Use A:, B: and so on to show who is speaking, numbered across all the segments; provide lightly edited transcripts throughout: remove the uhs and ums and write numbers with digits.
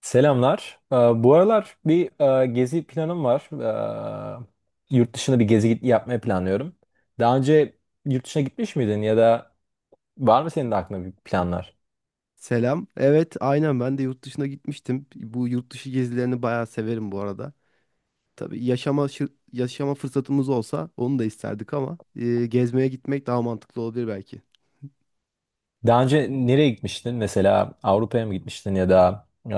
A: Selamlar. Bu aralar bir gezi planım var. Yurt dışına yapmayı planlıyorum. Daha önce yurt dışına gitmiş miydin ya da var mı senin de aklında bir planlar?
B: Selam. Evet, aynen ben de yurt dışına gitmiştim. Bu yurt dışı gezilerini bayağı severim bu arada. Tabii yaşama yaşama fırsatımız olsa onu da isterdik ama gezmeye gitmek daha mantıklı olabilir belki.
A: Daha önce nereye gitmiştin? Mesela Avrupa'ya mı gitmiştin ya da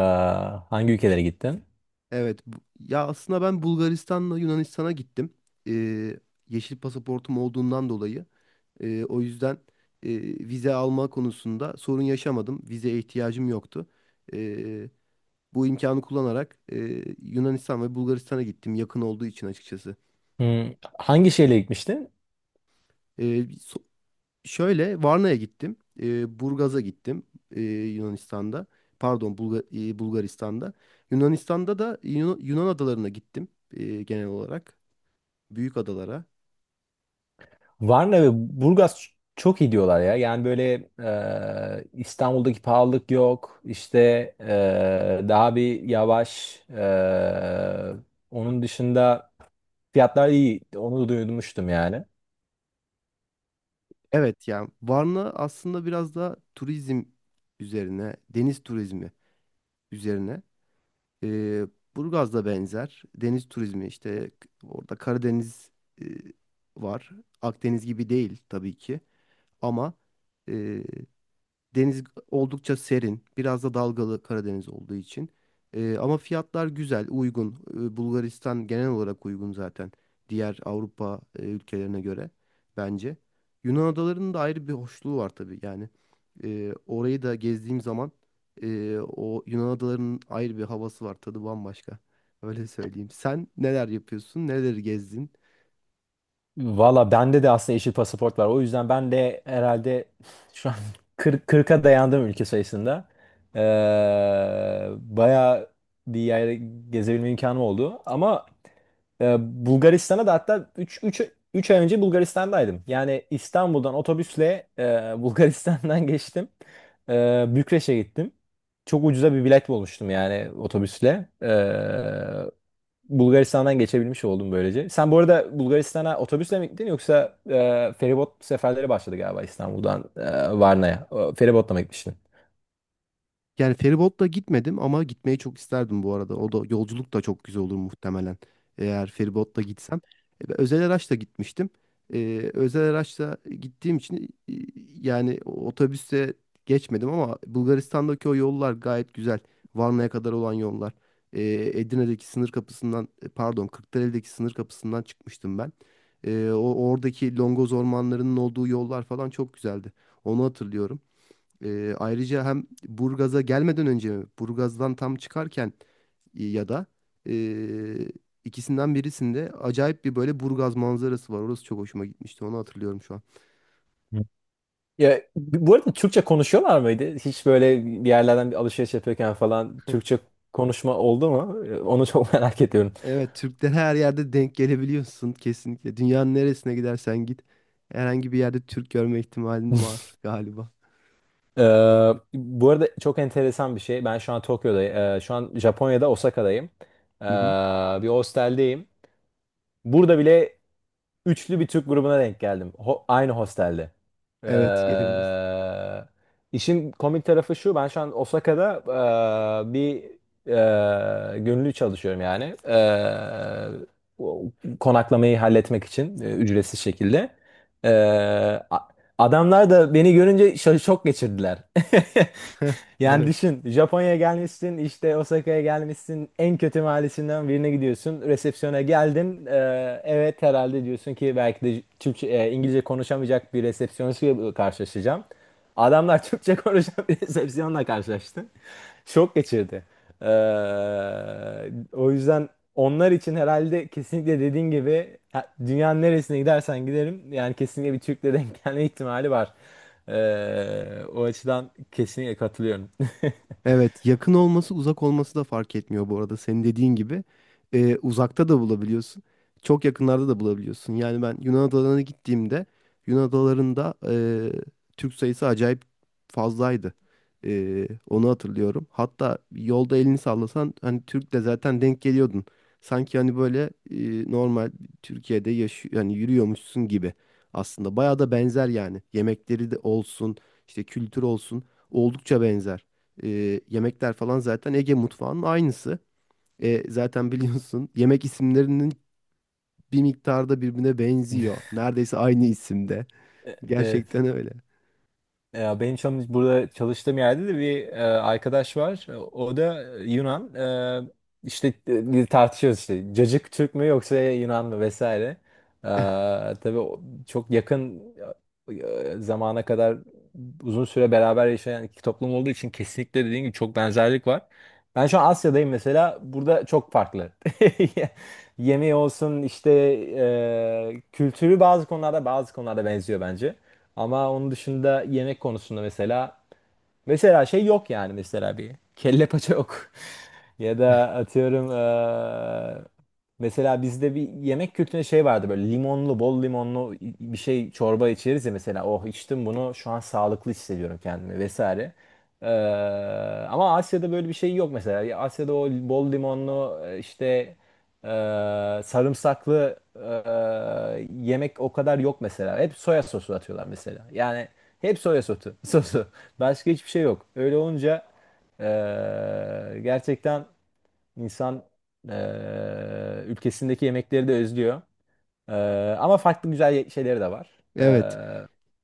A: hangi ülkelere gittin?
B: Evet, ya aslında ben Bulgaristan'la Yunanistan'a gittim. E, Yeşil pasaportum olduğundan dolayı. O yüzden e, vize alma konusunda sorun yaşamadım. Vizeye ihtiyacım yoktu. E, Bu imkanı kullanarak Yunanistan ve Bulgaristan'a gittim yakın olduğu için açıkçası.
A: Hmm, hangi şehirle gitmiştin?
B: Ee, so- Şöyle Varna'ya gittim. Burgaz'a gittim Yunanistan'da. Pardon Bulgaristan'da. Yunanistan'da da Yunan adalarına gittim genel olarak. Büyük adalara.
A: Varna ve Burgaz çok iyi diyorlar ya. Yani böyle İstanbul'daki pahalılık yok. İşte daha bir yavaş. Onun dışında fiyatlar iyi. Onu duymuştum yani.
B: Evet yani Varna aslında biraz da turizm üzerine, deniz turizmi üzerine. Ee, Burgaz da benzer. Deniz turizmi işte orada Karadeniz e, var. Akdeniz gibi değil tabii ki ama deniz oldukça serin. Biraz da dalgalı Karadeniz olduğu için. Ama fiyatlar güzel, uygun. Bulgaristan genel olarak uygun zaten. Diğer Avrupa ülkelerine göre bence. Yunan adalarının da ayrı bir hoşluğu var tabii. Yani orayı da gezdiğim zaman o Yunan adalarının ayrı bir havası var. Tadı bambaşka. Öyle söyleyeyim. Sen neler yapıyorsun? Neleri gezdin?
A: Valla bende de aslında yeşil pasaport var. O yüzden ben de herhalde şu an 40, 40'a dayandım ülke sayısında. Ee, Bayağı bir yere gezebilme imkanım oldu. Ama e, Bulgaristan'a da hatta 3 ay önce Bulgaristan'daydım. Yani İstanbul'dan otobüsle Bulgaristan'dan geçtim. Bükreş'e gittim. Çok ucuza bir bilet bulmuştum yani otobüsle. Bulgaristan'dan geçebilmiş oldum böylece. Sen bu arada Bulgaristan'a otobüsle mi gittin yoksa feribot seferleri başladı galiba İstanbul'dan Varna'ya. O, feribotla mı gitmiştin?
B: Yani feribotla gitmedim ama gitmeyi çok isterdim bu arada. O da yolculuk da çok güzel olur muhtemelen. Eğer feribotla gitsem. Ben özel araçla gitmiştim. Özel araçla gittiğim için yani otobüse geçmedim ama Bulgaristan'daki o yollar gayet güzel. Varna'ya kadar olan yollar. E, Edirne'deki sınır kapısından pardon Kırklareli'deki sınır kapısından çıkmıştım ben. O oradaki longoz ormanlarının olduğu yollar falan çok güzeldi. Onu hatırlıyorum. Ayrıca hem Burgaz'a gelmeden önce Burgaz'dan tam çıkarken ya da e, ikisinden birisinde acayip bir böyle Burgaz manzarası var. Orası çok hoşuma gitmişti. Onu hatırlıyorum şu an.
A: Hı. Ya, bu arada Türkçe konuşuyorlar mıydı? Hiç böyle bir yerlerden bir alışveriş yapıyorken falan Türkçe konuşma oldu mu? E, onu çok merak ediyorum.
B: Evet, Türklere her yerde denk gelebiliyorsun kesinlikle. Dünyanın neresine gidersen git herhangi bir yerde Türk görme ihtimalin var galiba.
A: Ee, Bu arada çok enteresan bir şey. Ben şu an Tokyo'dayım. Şu an Japonya'da Osaka'dayım. Ee,
B: Hı hı.
A: Bir hosteldeyim. Burada bile üçlü bir Türk grubuna denk geldim. Aynı hostelde.
B: Evet, gelebilirsin.
A: Ee, işin komik tarafı şu. Ben şu an Osaka'da bir gönüllü çalışıyorum yani. O- Konaklamayı halletmek için ücretsiz şekilde. Ee, a- Adamlar da beni görünce şok geçirdiler. Yani
B: Evet.
A: düşün, Japonya'ya gelmişsin, işte Osaka'ya gelmişsin, en kötü mahallesinden birine gidiyorsun, resepsiyona geldin. Evet, herhalde diyorsun ki belki de İngilizce konuşamayacak bir resepsiyonistle karşılaşacağım. Adamlar Türkçe konuşan bir resepsiyonla karşılaştı. Şok geçirdi. O yüzden onlar için herhalde kesinlikle dediğin gibi dünyanın neresine gidersen giderim yani kesinlikle bir Türk'le denk gelme ihtimali var. O açıdan kesinlikle katılıyorum.
B: Evet, yakın olması uzak olması da fark etmiyor bu arada. Senin dediğin gibi uzakta da bulabiliyorsun. Çok yakınlarda da bulabiliyorsun. Yani ben Yunan adalarına gittiğimde Yunan adalarında Türk sayısı acayip fazlaydı. Onu hatırlıyorum. Hatta yolda elini sallasan hani Türk de zaten denk geliyordun. Sanki hani böyle normal Türkiye'de yaşıyor yani yürüyormuşsun gibi aslında. Bayağı da benzer yani. Yemekleri de olsun, işte kültür olsun oldukça benzer yemekler falan zaten Ege mutfağının aynısı. Zaten biliyorsun yemek isimlerinin bir miktarda birbirine benziyor. Neredeyse aynı isimde. Gerçekten
A: Evet.
B: öyle.
A: Ya benim çalış burada çalıştığım yerde de bir arkadaş var. O da Yunan. E, işte biz tartışıyoruz işte. Cacık Türk mü yoksa Yunan mı vesaire. E, tabii çok yakın zamana kadar uzun süre beraber yaşayan iki toplum olduğu için kesinlikle dediğim gibi çok benzerlik var. Ben şu an Asya'dayım mesela. Burada çok farklı. Yemeği olsun, işte kültürü, bazı konularda benziyor bence. Ama onun dışında yemek konusunda mesela, mesela şey yok yani, mesela bir kelle paça yok. Ya da atıyorum, e, mesela bizde bir yemek kültüründe şey vardı, böyle limonlu, bol limonlu bir şey çorba içeriz ya mesela. Oh, içtim bunu, şu an sağlıklı hissediyorum kendimi vesaire. Ee, Ama Asya'da böyle bir şey yok mesela. Ya Asya'da o bol limonlu işte e, sarımsaklı yemek o kadar yok mesela. Hep soya sosu atıyorlar mesela. Yani hep soya sosu, sosu. Başka hiçbir şey yok. Öyle olunca e, gerçekten İnsan ülkesindeki yemekleri de özlüyor. Ama farklı güzel şeyleri de var.
B: Evet.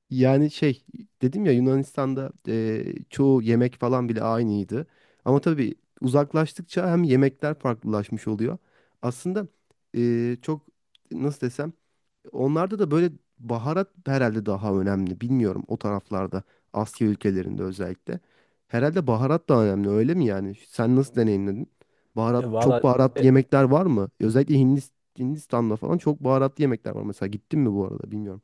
B: Yani şey dedim ya Yunanistan'da çoğu yemek falan bile aynıydı. Ama tabii uzaklaştıkça hem yemekler farklılaşmış oluyor. Aslında çok nasıl desem onlarda da böyle baharat herhalde daha önemli. Bilmiyorum o taraflarda. Asya ülkelerinde özellikle. Herhalde baharat da önemli öyle mi yani? Sen nasıl deneyimledin?
A: e,
B: Baharat,
A: valla
B: çok baharatlı
A: e,
B: yemekler var mı? Hindistan'da falan çok baharatlı yemekler var. Mesela gittin mi bu arada bilmiyorum.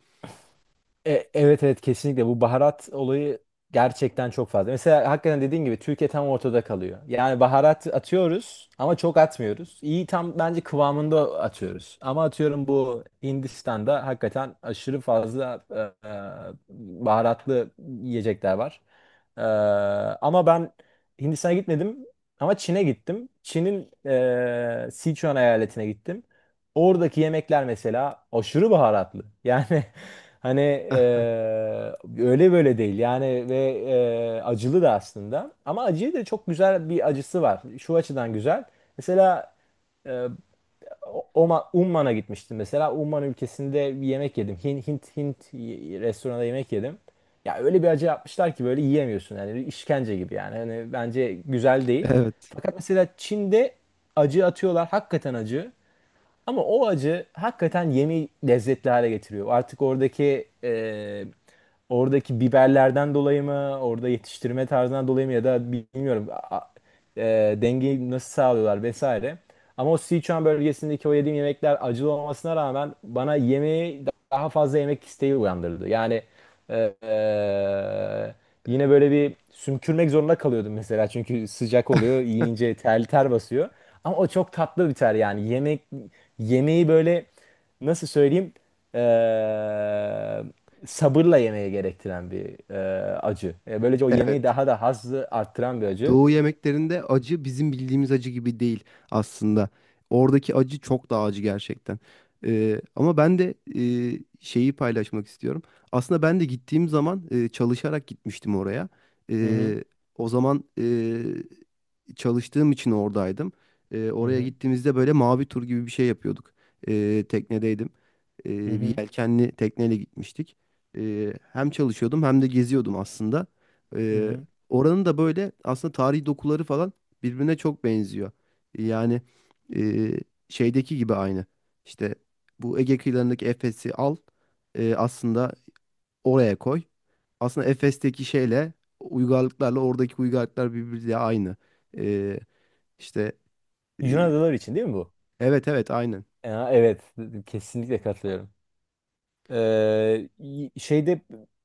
A: Evet, evet, kesinlikle bu baharat olayı gerçekten çok fazla. Mesela hakikaten dediğin gibi Türkiye tam ortada kalıyor. Yani baharat atıyoruz ama çok atmıyoruz. İyi, tam bence kıvamında atıyoruz. Ama atıyorum, bu Hindistan'da hakikaten aşırı fazla baharatlı yiyecekler var. E, Ama ben Hindistan'a gitmedim ama Çin'e gittim. Çin'in Sichuan eyaletine gittim. Oradaki yemekler mesela aşırı baharatlı. Yani hani öyle böyle değil. Yani ve acılı da aslında. Ama acıyı da, çok güzel bir acısı var. Şu açıdan güzel. Mesela eee, Umman'a gitmiştim mesela. Umman ülkesinde bir yemek yedim. Hint restoranda yemek yedim. Ya öyle bir acı yapmışlar ki böyle yiyemiyorsun. Yani işkence gibi yani. Hani bence güzel değil.
B: Evet,
A: Fakat mesela Çin'de acı atıyorlar. Hakikaten acı. Ama o acı hakikaten yemeği lezzetli hale getiriyor. Artık oradaki oradaki biberlerden dolayı mı, orada yetiştirme tarzından dolayı mı ya da bilmiyorum, e, dengeyi nasıl sağlıyorlar vesaire. Ama o Sichuan bölgesindeki o yediğim yemekler acılı olmasına rağmen bana yemeği daha fazla yemek isteği uyandırdı. Yani ee, yine böyle bir sümkürmek zorunda kalıyordum mesela çünkü sıcak oluyor, yiyince ter ter basıyor. Ama o çok tatlı bir ter, yani yemeği böyle, nasıl söyleyeyim, sabırla yemeye gerektiren bir acı. Böylece o yemeği
B: evet.
A: daha da hazzı arttıran bir acı.
B: Doğu yemeklerinde acı bizim bildiğimiz acı gibi değil aslında. Oradaki acı çok daha acı gerçekten. Ama ben de şeyi paylaşmak istiyorum. Aslında ben de gittiğim zaman çalışarak gitmiştim oraya.
A: Hı hı.
B: Ee, O zaman çalıştığım için oradaydım.
A: Hı
B: Oraya
A: hı.
B: gittiğimizde böyle mavi tur gibi bir şey yapıyorduk. Teknedeydim.
A: Hı
B: Bir
A: hı.
B: yelkenli tekneyle gitmiştik. Hem çalışıyordum hem de geziyordum aslında.
A: Hı hı.
B: Oranın da böyle aslında tarihi dokuları falan birbirine çok benziyor. Yani e, şeydeki gibi aynı. İşte bu Ege kıyılarındaki Efes'i al, aslında oraya koy. Aslında Efes'teki şeyle uygarlıklarla oradaki uygarlıklar birbiriyle aynı. E, işte e,
A: Yunan adaları için değil mi bu?
B: evet evet aynen.
A: Ya, evet, kesinlikle katılıyorum. Şeyde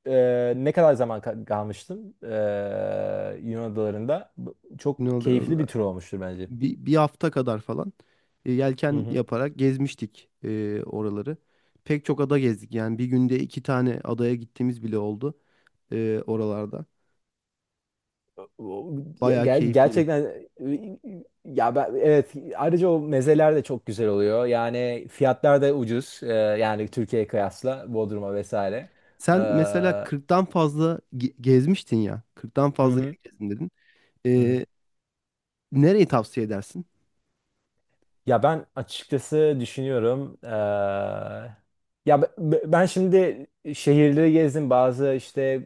A: ne kadar zaman kalmıştım Yunan adalarında. Çok keyifli bir
B: Yunanistan
A: tur olmuştur bence.
B: bir hafta kadar falan
A: Hı
B: yelken
A: hı.
B: yaparak gezmiştik oraları. Pek çok ada gezdik. Yani bir günde iki tane adaya gittiğimiz bile oldu. Oralarda.
A: O-
B: Bayağı keyifliydi.
A: Gerçekten ya ben, evet, ayrıca o mezeler de çok güzel oluyor. Yani fiyatlar da ucuz. Yani Türkiye'ye kıyasla Bodrum'a vesaire.
B: Sen mesela
A: Hı
B: 40'tan fazla gezmiştin ya. 40'tan fazla
A: hı.
B: yer gezdin dedin.
A: Hı hı.
B: E, Nereyi tavsiye edersin?
A: Ya ben açıkçası düşünüyorum. Ben şimdi şehirleri gezdim, bazı işte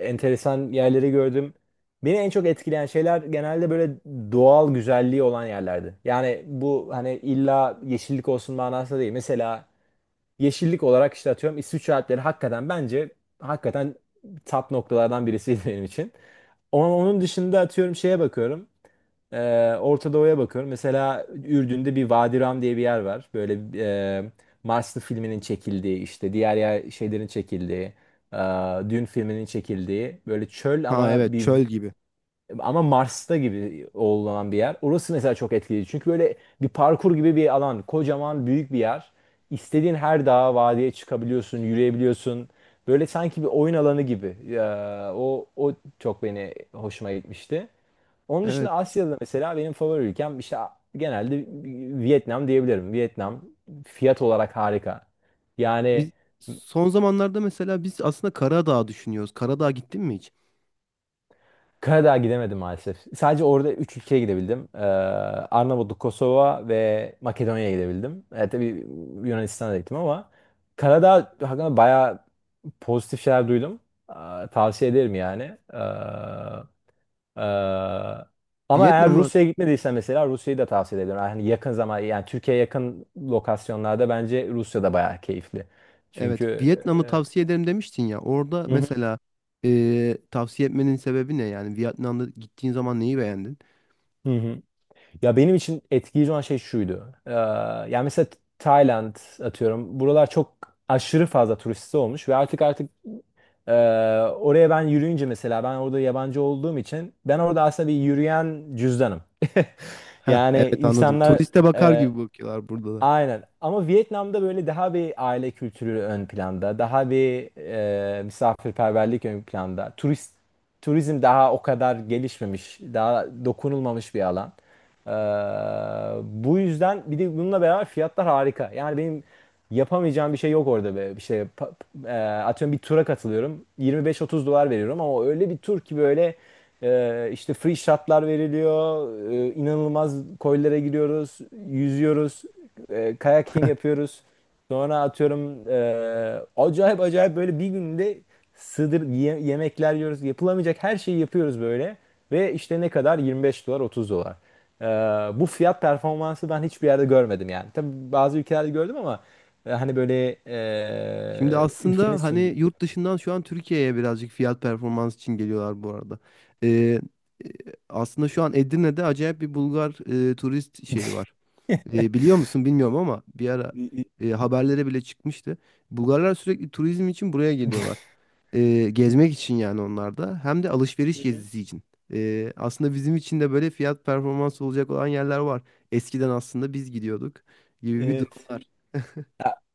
A: enteresan yerleri gördüm. Beni en çok etkileyen şeyler genelde böyle doğal güzelliği olan yerlerdi. Yani bu hani illa yeşillik olsun manasında değil. Mesela yeşillik olarak işte atıyorum İsviçre Alpleri hakikaten bence hakikaten top noktalardan birisiydi benim için. Ama onun dışında atıyorum, şeye bakıyorum. Orta Doğu'ya bakıyorum. Mesela Ürdün'de bir Vadi Ram diye bir yer var. Böyle e, Marslı filminin çekildiği, işte diğer yer, şeylerin çekildiği, e, Dün filminin çekildiği, böyle çöl
B: Ha
A: ama
B: evet çöl gibi.
A: ama Mars'ta gibi olan bir yer. Orası mesela çok etkileyici. Çünkü böyle bir parkur gibi bir alan. Kocaman, büyük bir yer. İstediğin her dağa, vadiye çıkabiliyorsun, yürüyebiliyorsun. Böyle sanki bir oyun alanı gibi. O çok beni hoşuma gitmişti. Onun dışında
B: Evet.
A: Asya'da mesela benim favori ülkem işte genelde Vietnam diyebilirim. Vietnam fiyat olarak harika. Yani
B: Biz son zamanlarda mesela aslında Karadağ düşünüyoruz. Karadağ gittin mi hiç?
A: Karadağ'a gidemedim maalesef. Sadece orada 3 ülkeye gidebildim. Arnavutluk, Kosova ve Makedonya'ya gidebildim. E, tabii Yunanistan'a da gittim ama Karadağ hakkında bayağı pozitif şeyler duydum. Ee, Tavsiye ederim yani. E, Ama eğer
B: Vietnam'ı
A: Rusya'ya gitmediysen mesela Rusya'yı da tavsiye ederim. Yani yakın zaman, yani Türkiye'ye yakın lokasyonlarda bence Rusya da bayağı keyifli.
B: evet
A: Çünkü
B: Vietnam'ı tavsiye ederim demiştin ya. Orada
A: hı hı.
B: mesela tavsiye etmenin sebebi ne? Yani Vietnam'da gittiğin zaman neyi beğendin?
A: Hı hı. Ya benim için etkileyici olan şey şuydu. Yani mesela Tayland atıyorum. Buralar çok aşırı fazla turisti olmuş ve e, oraya ben yürüyünce mesela, ben orada yabancı olduğum için ben orada aslında bir yürüyen cüzdanım.
B: Heh,
A: Yani
B: evet anladım.
A: insanlar,
B: Turiste bakar
A: e,
B: gibi bakıyorlar burada.
A: aynen. Ama Vietnam'da böyle daha bir aile kültürü ön planda, daha bir misafirperverlik ön planda. Turizm daha o kadar gelişmemiş, daha dokunulmamış bir alan. Ee, Bu yüzden bir de bununla beraber fiyatlar harika. Yani benim yapamayacağım bir şey yok orada be. Atıyorum, bir tura katılıyorum. 25-30 dolar veriyorum ama o öyle bir tur ki böyle işte free shotlar veriliyor. E, inanılmaz koylara giriyoruz, yüzüyoruz, kayaking yapıyoruz. Sonra atıyorum acayip acayip böyle bir günde sığdır yemekler yiyoruz. Yapılamayacak her şeyi yapıyoruz böyle. Ve işte ne kadar? 25 dolar, 30 dolar. Ee, Bu fiyat performansı ben hiçbir yerde görmedim yani. Tabii bazı ülkelerde gördüm ama hani böyle
B: Şimdi
A: ülkenin
B: aslında hani
A: sunduğu.
B: yurt dışından şu an Türkiye'ye birazcık fiyat performans için geliyorlar bu arada. Ee, e, Aslında şu an Edirne'de acayip bir Bulgar turist şeyi var. Biliyor musun bilmiyorum ama bir ara
A: Hı
B: haberlere bile çıkmıştı. Bulgarlar sürekli turizm için buraya geliyorlar. Gezmek için yani onlar da hem de alışveriş
A: hı.
B: gezisi için. Aslında bizim için de böyle fiyat performans olacak olan yerler var. Eskiden aslında biz gidiyorduk gibi bir
A: Evet.
B: durumlar.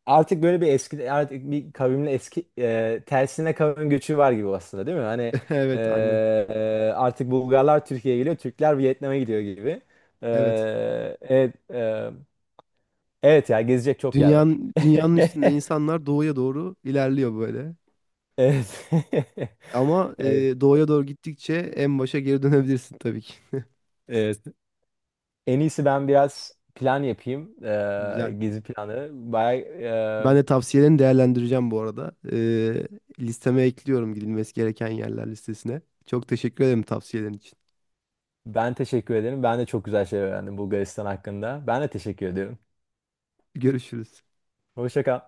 A: Artık böyle bir kavimle eski, tersine kavim göçü var gibi aslında, değil mi? Hani e,
B: Evet aynen.
A: artık Bulgarlar Türkiye'ye geliyor, Türkler Vietnam'a gidiyor gibi. E,
B: Evet.
A: evet, evet ya, gezecek çok yer var.
B: Dünyanın üstünde insanlar doğuya doğru ilerliyor böyle.
A: Evet.
B: Ama
A: Evet.
B: doğuya doğru gittikçe en başa geri dönebilirsin tabii ki.
A: Evet. En iyisi ben biraz plan yapayım.
B: Güzel.
A: Gezi planı. Bay, e,
B: Ben de tavsiyelerini değerlendireceğim bu arada. Listeme ekliyorum gidilmesi gereken yerler listesine. Çok teşekkür ederim tavsiyelerin için.
A: ben teşekkür ederim. Ben de çok güzel şey öğrendim Bulgaristan hakkında. Ben de teşekkür ediyorum.
B: Görüşürüz.
A: Hoşça kal.